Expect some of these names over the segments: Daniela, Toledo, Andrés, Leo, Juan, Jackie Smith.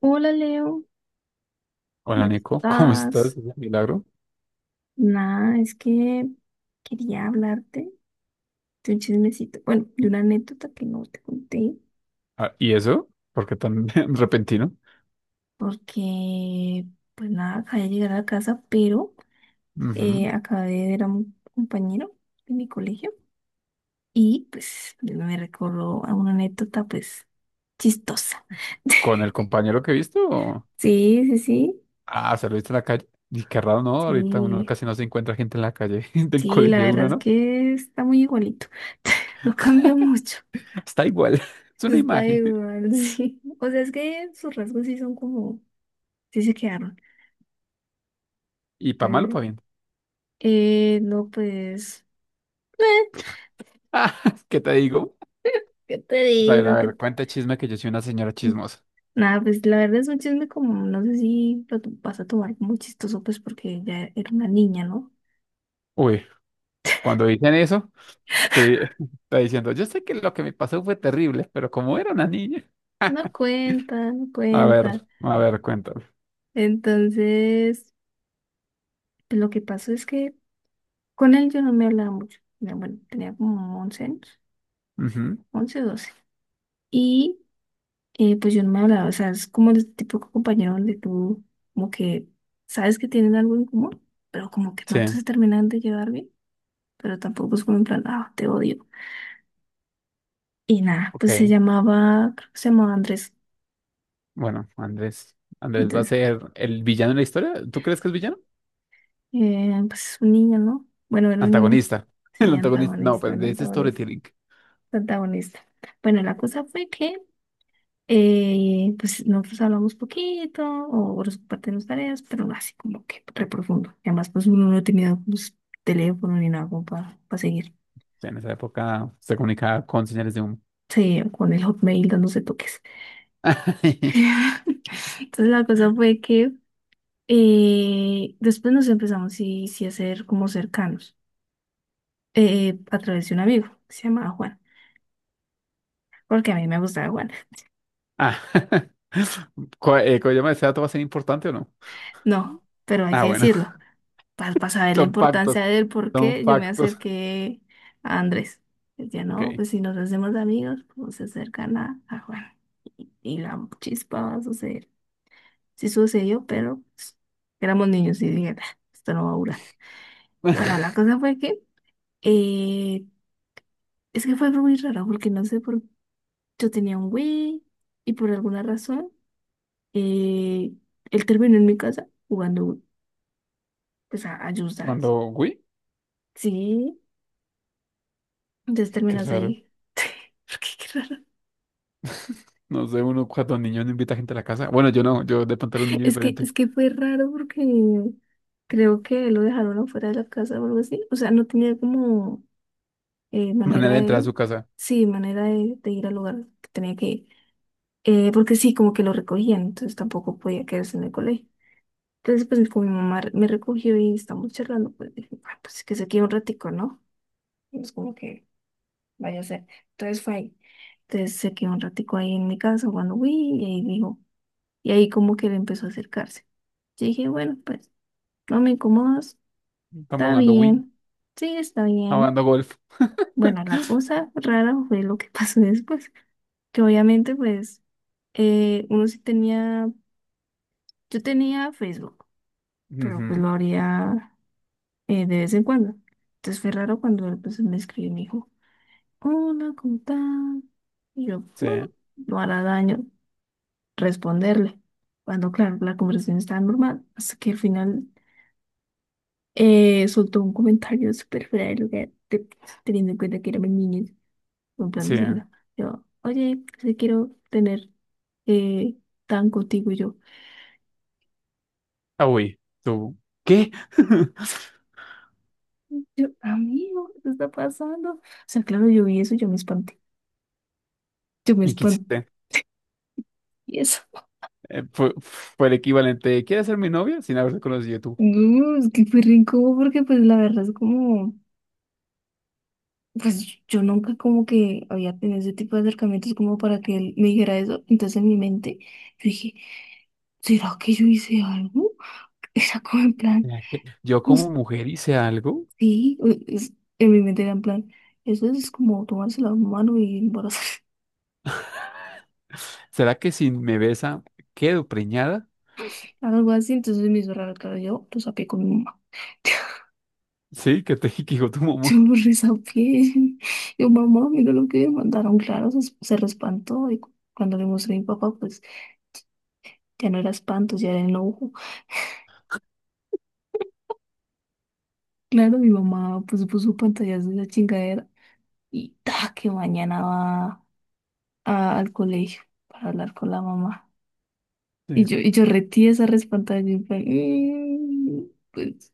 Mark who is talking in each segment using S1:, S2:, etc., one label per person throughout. S1: Hola Leo, ¿cómo
S2: Hola Nico, ¿cómo estás?
S1: estás?
S2: Milagro.
S1: Nada, es que quería hablarte de un chismecito, bueno, de una anécdota que no te conté,
S2: Ah, ¿y eso? ¿Por qué tan repentino?
S1: porque pues nada, acabé de llegar a la casa, pero
S2: Ujú.
S1: acabé de ver a un compañero de mi colegio y pues me recordó a una anécdota pues chistosa.
S2: ¿Con el compañero que he visto? O-
S1: Sí, sí, sí,
S2: Ah, ¿se lo viste en la calle? Y qué raro, ¿no? Ahorita uno
S1: sí,
S2: casi no se encuentra gente en la calle del
S1: sí, la
S2: colegio de
S1: verdad
S2: uno,
S1: es
S2: ¿no?
S1: que está muy igualito. No cambió mucho.
S2: Está igual, es una
S1: Está
S2: imagen.
S1: igual. Sí. O sea, es que sus rasgos sí son como, sí se quedaron.
S2: Y para malo para
S1: Entonces,
S2: bien.
S1: no, pues, eh,
S2: Ah, ¿qué te digo?
S1: ¿qué te
S2: A
S1: digo?
S2: ver, cuenta chisme que yo soy una señora chismosa.
S1: Nada, pues la verdad es un chisme como, no sé si vas a tomar como chistoso, pues porque ya era una niña, ¿no?
S2: Uy, cuando dicen eso, te está diciendo, yo sé que lo que me pasó fue terrible, pero como era una niña.
S1: No cuenta, no cuenta.
S2: A ver, cuéntame.
S1: Entonces, pues, lo que pasó es que con él yo no me hablaba mucho. Ya, bueno, tenía como 11 años,
S2: Ujú,
S1: 11, 12. Y pues yo no me hablaba, o sea, es como el tipo de compañero donde tú como que sabes que tienen algo en común, pero como que no
S2: sí.
S1: se terminan de llevar bien, pero tampoco es como en plan, ah, te odio. Y nada, pues se
S2: Ok,
S1: llamaba, creo que se llamaba Andrés.
S2: bueno, Andrés. Andrés va a
S1: Andrés,
S2: ser el villano en la historia. ¿Tú crees que es villano?
S1: pues es un niño, ¿no? Bueno, era un niño.
S2: Antagonista.
S1: Sí,
S2: El antagonista. No,
S1: antagonista,
S2: pues
S1: era
S2: de ese
S1: antagonista,
S2: storytelling.
S1: antagonista. Bueno, la cosa fue que pues nosotros hablamos poquito, o por su parte las tareas, pero no así como que re profundo. Y además, pues uno no tenía pues, teléfono ni nada como para seguir.
S2: O sea, en esa época se comunicaba con señales de humo.
S1: Sí, con el Hotmail dándose toques. Entonces la cosa fue que después nos empezamos sí, sí a ser como cercanos a través de un amigo que se llamaba Juan, porque a mí me gustaba Juan.
S2: Ah. ¿Cómo ¿Ese dato va a ser importante o no?
S1: No, pero hay
S2: Ah,
S1: que
S2: bueno.
S1: decirlo. Para saber la
S2: Son factos.
S1: importancia de él,
S2: Son
S1: porque yo me
S2: factos.
S1: acerqué a Andrés. Ya
S2: Ok.
S1: no, pues si nos hacemos amigos, pues se acercan a Juan. Y la chispa va a suceder. Sí sucedió, pero pues, éramos niños y dije, "Ah, esto no va a durar". Bueno, la cosa fue que, eh, es que fue muy raro, porque no sé por yo tenía un Wii y por alguna razón, eh, él terminó en mi casa jugando Wii, pues, a Just Dance.
S2: Cuando, uy,
S1: Sí. Entonces
S2: qué
S1: terminas
S2: raro.
S1: ahí. Porque qué raro.
S2: No sé, uno cuando niño no invita gente a la casa. Bueno, yo no, yo de pronto era un niño diferente.
S1: Es que fue raro porque creo que lo dejaron afuera de la casa o algo así. O sea, no tenía como manera
S2: Manera de entrar a
S1: de,
S2: su casa.
S1: sí, manera de ir al lugar que tenía que ir. Porque sí, como que lo recogían, entonces tampoco podía quedarse en el colegio. Entonces, pues con mi mamá me recogió y estamos charlando, pues dije, "Ah, pues que se quede un ratico, ¿no?". Es como que vaya a ser. Entonces fue ahí. Entonces se quedó un ratico ahí en mi casa jugando Wii y ahí dijo. Y ahí como que él empezó a acercarse. Yo dije, bueno, pues no me incomodas,
S2: Estamos
S1: está
S2: jugando Wii.
S1: bien, sí, está bien.
S2: Jugando golf.
S1: Bueno, la cosa rara fue lo que pasó después, que obviamente pues uno sí tenía, yo tenía Facebook, pero pues
S2: Ujú,
S1: lo haría de vez en cuando. Entonces fue raro cuando él pues me escribió y me dijo, hola, ¿cómo estás? Y yo,
S2: sí,
S1: bueno, no hará daño responderle. Cuando claro, la conversación estaba normal, hasta que al final soltó un comentario súper fuera de lugar, teniendo en cuenta que éramos niños, en plan
S2: sí.
S1: diciendo, yo, oye, si quiero tener eh, tan contigo, y yo,
S2: Ah, uy, tú. ¿Qué?
S1: yo, amigo, ¿qué está pasando? O sea, claro, yo vi eso, yo me
S2: ¿Y qué
S1: espanté,
S2: hiciste?
S1: y eso.
S2: Fue, fue el equivalente de, ¿quieres ser mi novia? Sin haberse conocido tú.
S1: No, es que fue re incómodo porque pues la verdad es como, pues yo nunca como que había tenido ese tipo de acercamientos como para que él me dijera eso, entonces en mi mente yo dije, ¿será que yo hice algo? Era como en plan...
S2: ¿Será que yo
S1: No,
S2: como mujer hice algo?
S1: sí, en mi mente era en plan, eso es como tomarse la mano y embarazarse,
S2: ¿Será que si me besa quedo preñada?
S1: algo así, entonces me hizo raro, claro, yo lo saqué con mi mamá,
S2: Sí, que te que digo tu mamá.
S1: yo lo resapié, yo mamá, mira lo que me mandaron, claro, se re espantó y cuando le mostré a mi papá, pues ya no era espanto, ya era enojo, claro, mi mamá pues puso pantallas de esa chingadera y ta, que mañana va al colegio para hablar con la mamá.
S2: Sí,
S1: Y yo retí esa respantada y yo en plan, "Mm, pues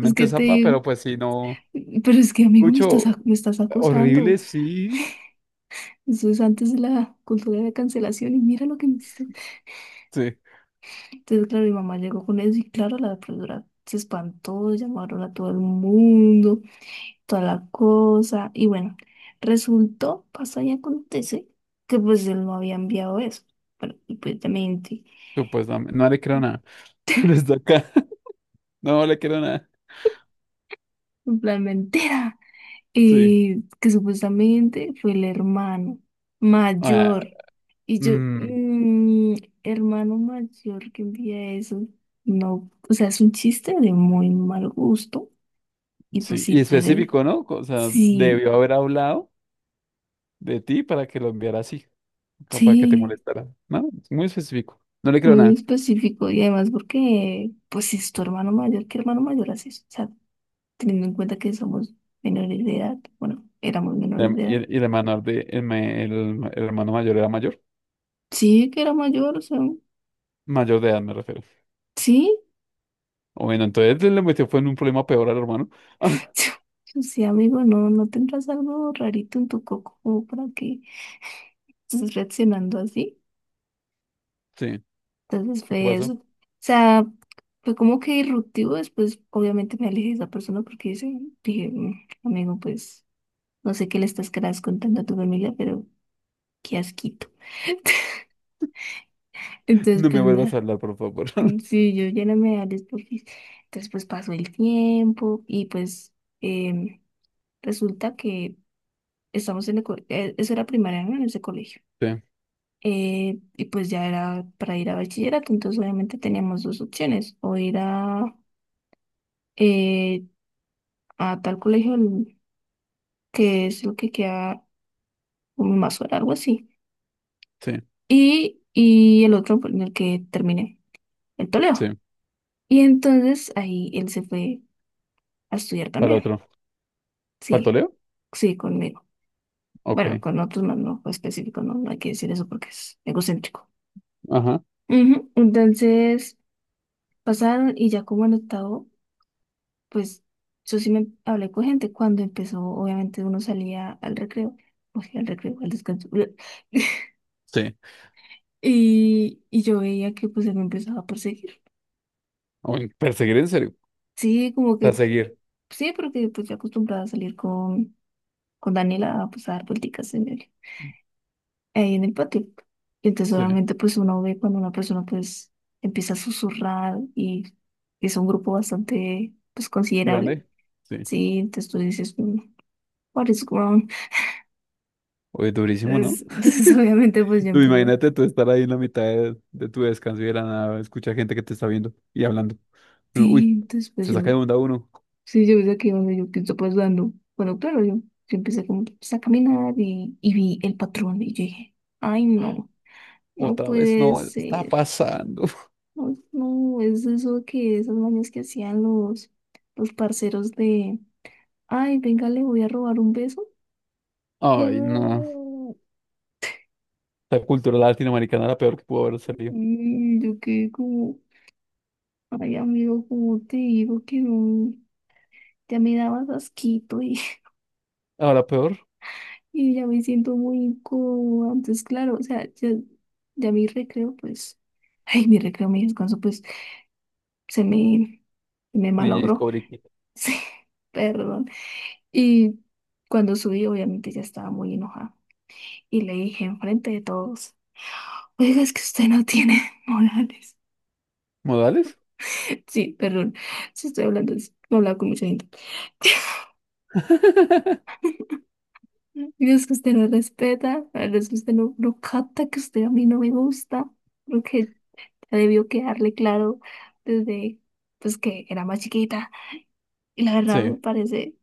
S1: es que te
S2: zapa,
S1: digo,
S2: pero pues si no.
S1: pero es que amigo, me estás,
S2: Escucho,
S1: me estás acosando.
S2: horrible, sí.
S1: Eso es antes de la cultura de cancelación y mira lo que me hiciste".
S2: Sí,
S1: Entonces, claro, mi mamá llegó con eso y claro, la profesora se espantó, llamaron a todo el mundo, toda la cosa. Y bueno, resultó, pasa y acontece que pues él no había enviado eso. Bueno, y pues también,
S2: supuestamente. No le creo nada. Pero está acá. No le creo nada.
S1: en plan mentira.
S2: Sí.
S1: Que supuestamente fue el hermano
S2: Ah,
S1: mayor. Y yo,
S2: mm,
S1: mm, hermano mayor que envía eso, no, o sea, es un chiste de muy mal gusto. Y pues
S2: sí,
S1: sí,
S2: y específico, ¿no? O sea,
S1: sí,
S2: debió haber hablado de ti para que lo enviara así, como para que te
S1: sí,
S2: molestara. No, es muy específico. No le creo
S1: muy
S2: nada.
S1: específico. Y además porque, pues si es tu hermano mayor, ¿qué hermano mayor haces? O sea, teniendo en cuenta que somos menores de edad, bueno, éramos
S2: Y
S1: menores
S2: el,
S1: de
S2: y
S1: edad.
S2: el- y el hermano de, el, ma- el hermano mayor era mayor.
S1: Sí, que era mayor, o sea,
S2: Mayor de edad me refiero.
S1: sí.
S2: O bueno, entonces le metió fue en un problema peor al hermano.
S1: Sí, amigo, no, no tendrás algo rarito en tu coco como para que estés reaccionando así.
S2: Sí.
S1: Entonces
S2: ¿Y ¿Qué
S1: fue
S2: pasó?
S1: eso. O sea, fue como que disruptivo. Después, obviamente, me alejé de esa persona porque dice, dije, "Mm, amigo, pues no sé qué le estás querás contando a tu familia, pero qué asquito". Entonces,
S2: No me
S1: pues
S2: vuelvas a
S1: nada.
S2: hablar, por favor.
S1: Mm, sí, yo ya no me hables porque entonces, pues pasó el tiempo y pues em, resulta que estamos eso era primaria, ¿no? En ese colegio.
S2: Sí,
S1: Y pues ya era para ir a bachillerato, entonces obviamente teníamos dos opciones, o ir eh, a tal colegio que es lo que queda un más hora, algo así,
S2: sí,
S1: y el otro en el que terminé, el
S2: sí.
S1: Toledo. Y entonces ahí él se fue a estudiar
S2: Para
S1: también,
S2: otro. ¿Para el
S1: sí,
S2: Toleo?
S1: sí, conmigo.
S2: Ok.
S1: Bueno, con otros más no específico, no, no hay que decir eso porque es egocéntrico.
S2: Ajá.
S1: Ujú, entonces pasaron y ya como en octavo pues yo sí me hablé con gente cuando empezó, obviamente uno salía al recreo, o sea, al recreo, al descanso.
S2: Sí.
S1: Y, y yo veía que pues él me empezaba a perseguir.
S2: O en perseguir en serio.
S1: Sí, como que,
S2: Perseguir.
S1: sí, porque pues ya acostumbrada a salir con Daniela a, pues, a dar vuelticas en el, ahí en el patio. Y entonces
S2: Sí.
S1: obviamente pues uno ve cuando una persona pues empieza a susurrar y es un grupo bastante pues considerable.
S2: Grande. Sí.
S1: Sí, entonces tú dices, "Mm, what is wrong?".
S2: Oye, durísimo, ¿no?
S1: Entonces, entonces, obviamente pues yo
S2: Tú
S1: empiezo.
S2: imagínate tú estar ahí en la mitad de tu descanso y de la nada, escucha gente que te está viendo y hablando. Uno,
S1: Sí,
S2: uy,
S1: entonces pues
S2: se saca
S1: yo,
S2: de onda uno.
S1: sí, yo desde aquí donde yo pienso pues dando, bueno, claro, yo empecé como, pues, a caminar y vi el patrón y yo dije, ay no, no
S2: Otra vez
S1: puede
S2: no, está
S1: ser,
S2: pasando.
S1: no, no, es eso que esas mañas que hacían los parceros de, ay, venga, le voy a robar un beso.
S2: Ay, no. La cultura latinoamericana era la peor que pudo haber salido.
S1: Y yo quedé como, ay amigo, ¿cómo te digo que no, ya me dabas asquito
S2: Ahora peor,
S1: y ya me siento muy incómoda? Entonces, claro, o sea, ya, ya mi recreo, pues, ay, mi recreo, mi descanso, pues, se me, me
S2: niña
S1: malogró.
S2: Discovery Kid.
S1: Sí, perdón. Y cuando subí, obviamente ya estaba muy enojada. Y le dije enfrente de todos, oiga, es que usted no tiene morales.
S2: ¿Modales?
S1: Sí, perdón, si estoy hablando, he hablado con mucha gente. Y es que usted no respeta, la verdad es que usted no, no capta que usted a mí no me gusta. Debió quedarle claro desde pues que era más chiquita. Y la verdad me
S2: Sí,
S1: parece,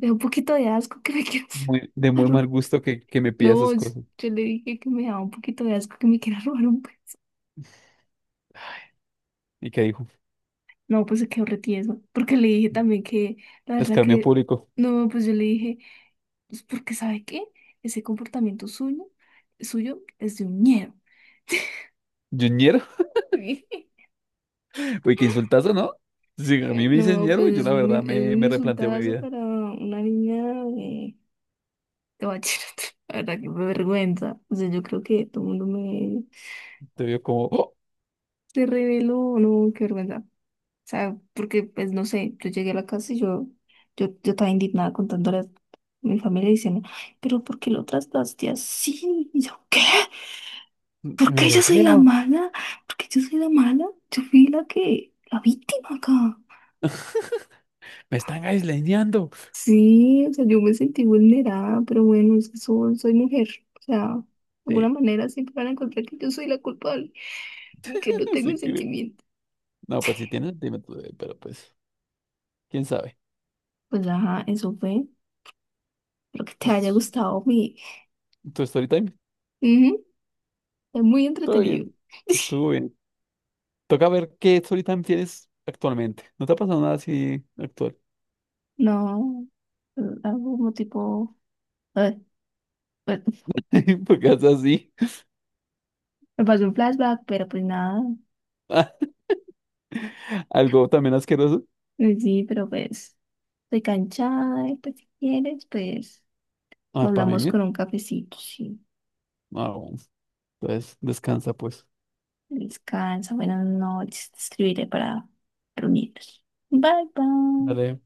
S1: me da un poquito de asco que me quieras
S2: muy, de muy mal
S1: robar.
S2: gusto que me pida
S1: No,
S2: esas
S1: yo,
S2: cosas.
S1: yo le dije que me daba un poquito de asco que me quiera robar un beso.
S2: ¿Y qué dijo?
S1: No, pues se quedó retieso. Porque le dije también que, la verdad
S2: Escarmiento
S1: que,
S2: público.
S1: no, pues yo le dije, pues porque ¿sabe qué? Ese comportamiento suyo, suyo es de un ñero.
S2: ¿Yo ñero? Uy, qué insultazo, ¿no? Si a mí me dicen
S1: No,
S2: ñero, yo
S1: pues
S2: la verdad
S1: es
S2: me,
S1: un
S2: me replanteo mi
S1: insultazo
S2: vida.
S1: para una niña. Te voy a decir, la verdad que me vergüenza. O sea, yo creo que todo el mundo me
S2: Te veo como... ¡oh!
S1: se reveló, no, qué vergüenza. O sea, porque pues no sé, yo llegué a la casa y yo estaba indignada contándole a mi familia diciendo, pero ¿por qué lo trataste así? Y yo, ¿qué? ¿Por
S2: Me
S1: qué yo soy la
S2: desean,
S1: mala? ¿Por qué yo soy la mala? Yo fui la que, la víctima acá.
S2: me están aisleñando.
S1: Sí, o sea, yo me sentí vulnerada, pero bueno, es que soy, soy mujer. O sea, de alguna
S2: Sí,
S1: manera siempre van a encontrar que yo soy la culpable. Que no tengo
S2: así que.
S1: sentimiento.
S2: No, pues si tienes, dime tú, pero pues, quién sabe.
S1: Pues ajá, eso fue. Espero que te haya
S2: Pues,
S1: gustado mi.
S2: tu story time,
S1: Ujú, es muy
S2: todo
S1: entretenido.
S2: bien, estuvo bien. Toca ver qué story time tienes actualmente. ¿No te ha pasado nada así actual?
S1: No, algún tipo. eh, bueno,
S2: Porque es así.
S1: me pasó un flashback, pero pues nada.
S2: Algo también asqueroso.
S1: Sí, pero pues estoy canchada, y pues si quieres, pues
S2: Ah,
S1: lo
S2: para mí,
S1: hablamos
S2: mira.
S1: con un cafecito, sí.
S2: Ah, bueno. Entonces, descansa, pues.
S1: Descansa, buenas noches, te escribiré para reunirnos. Bye, bye.
S2: Dale.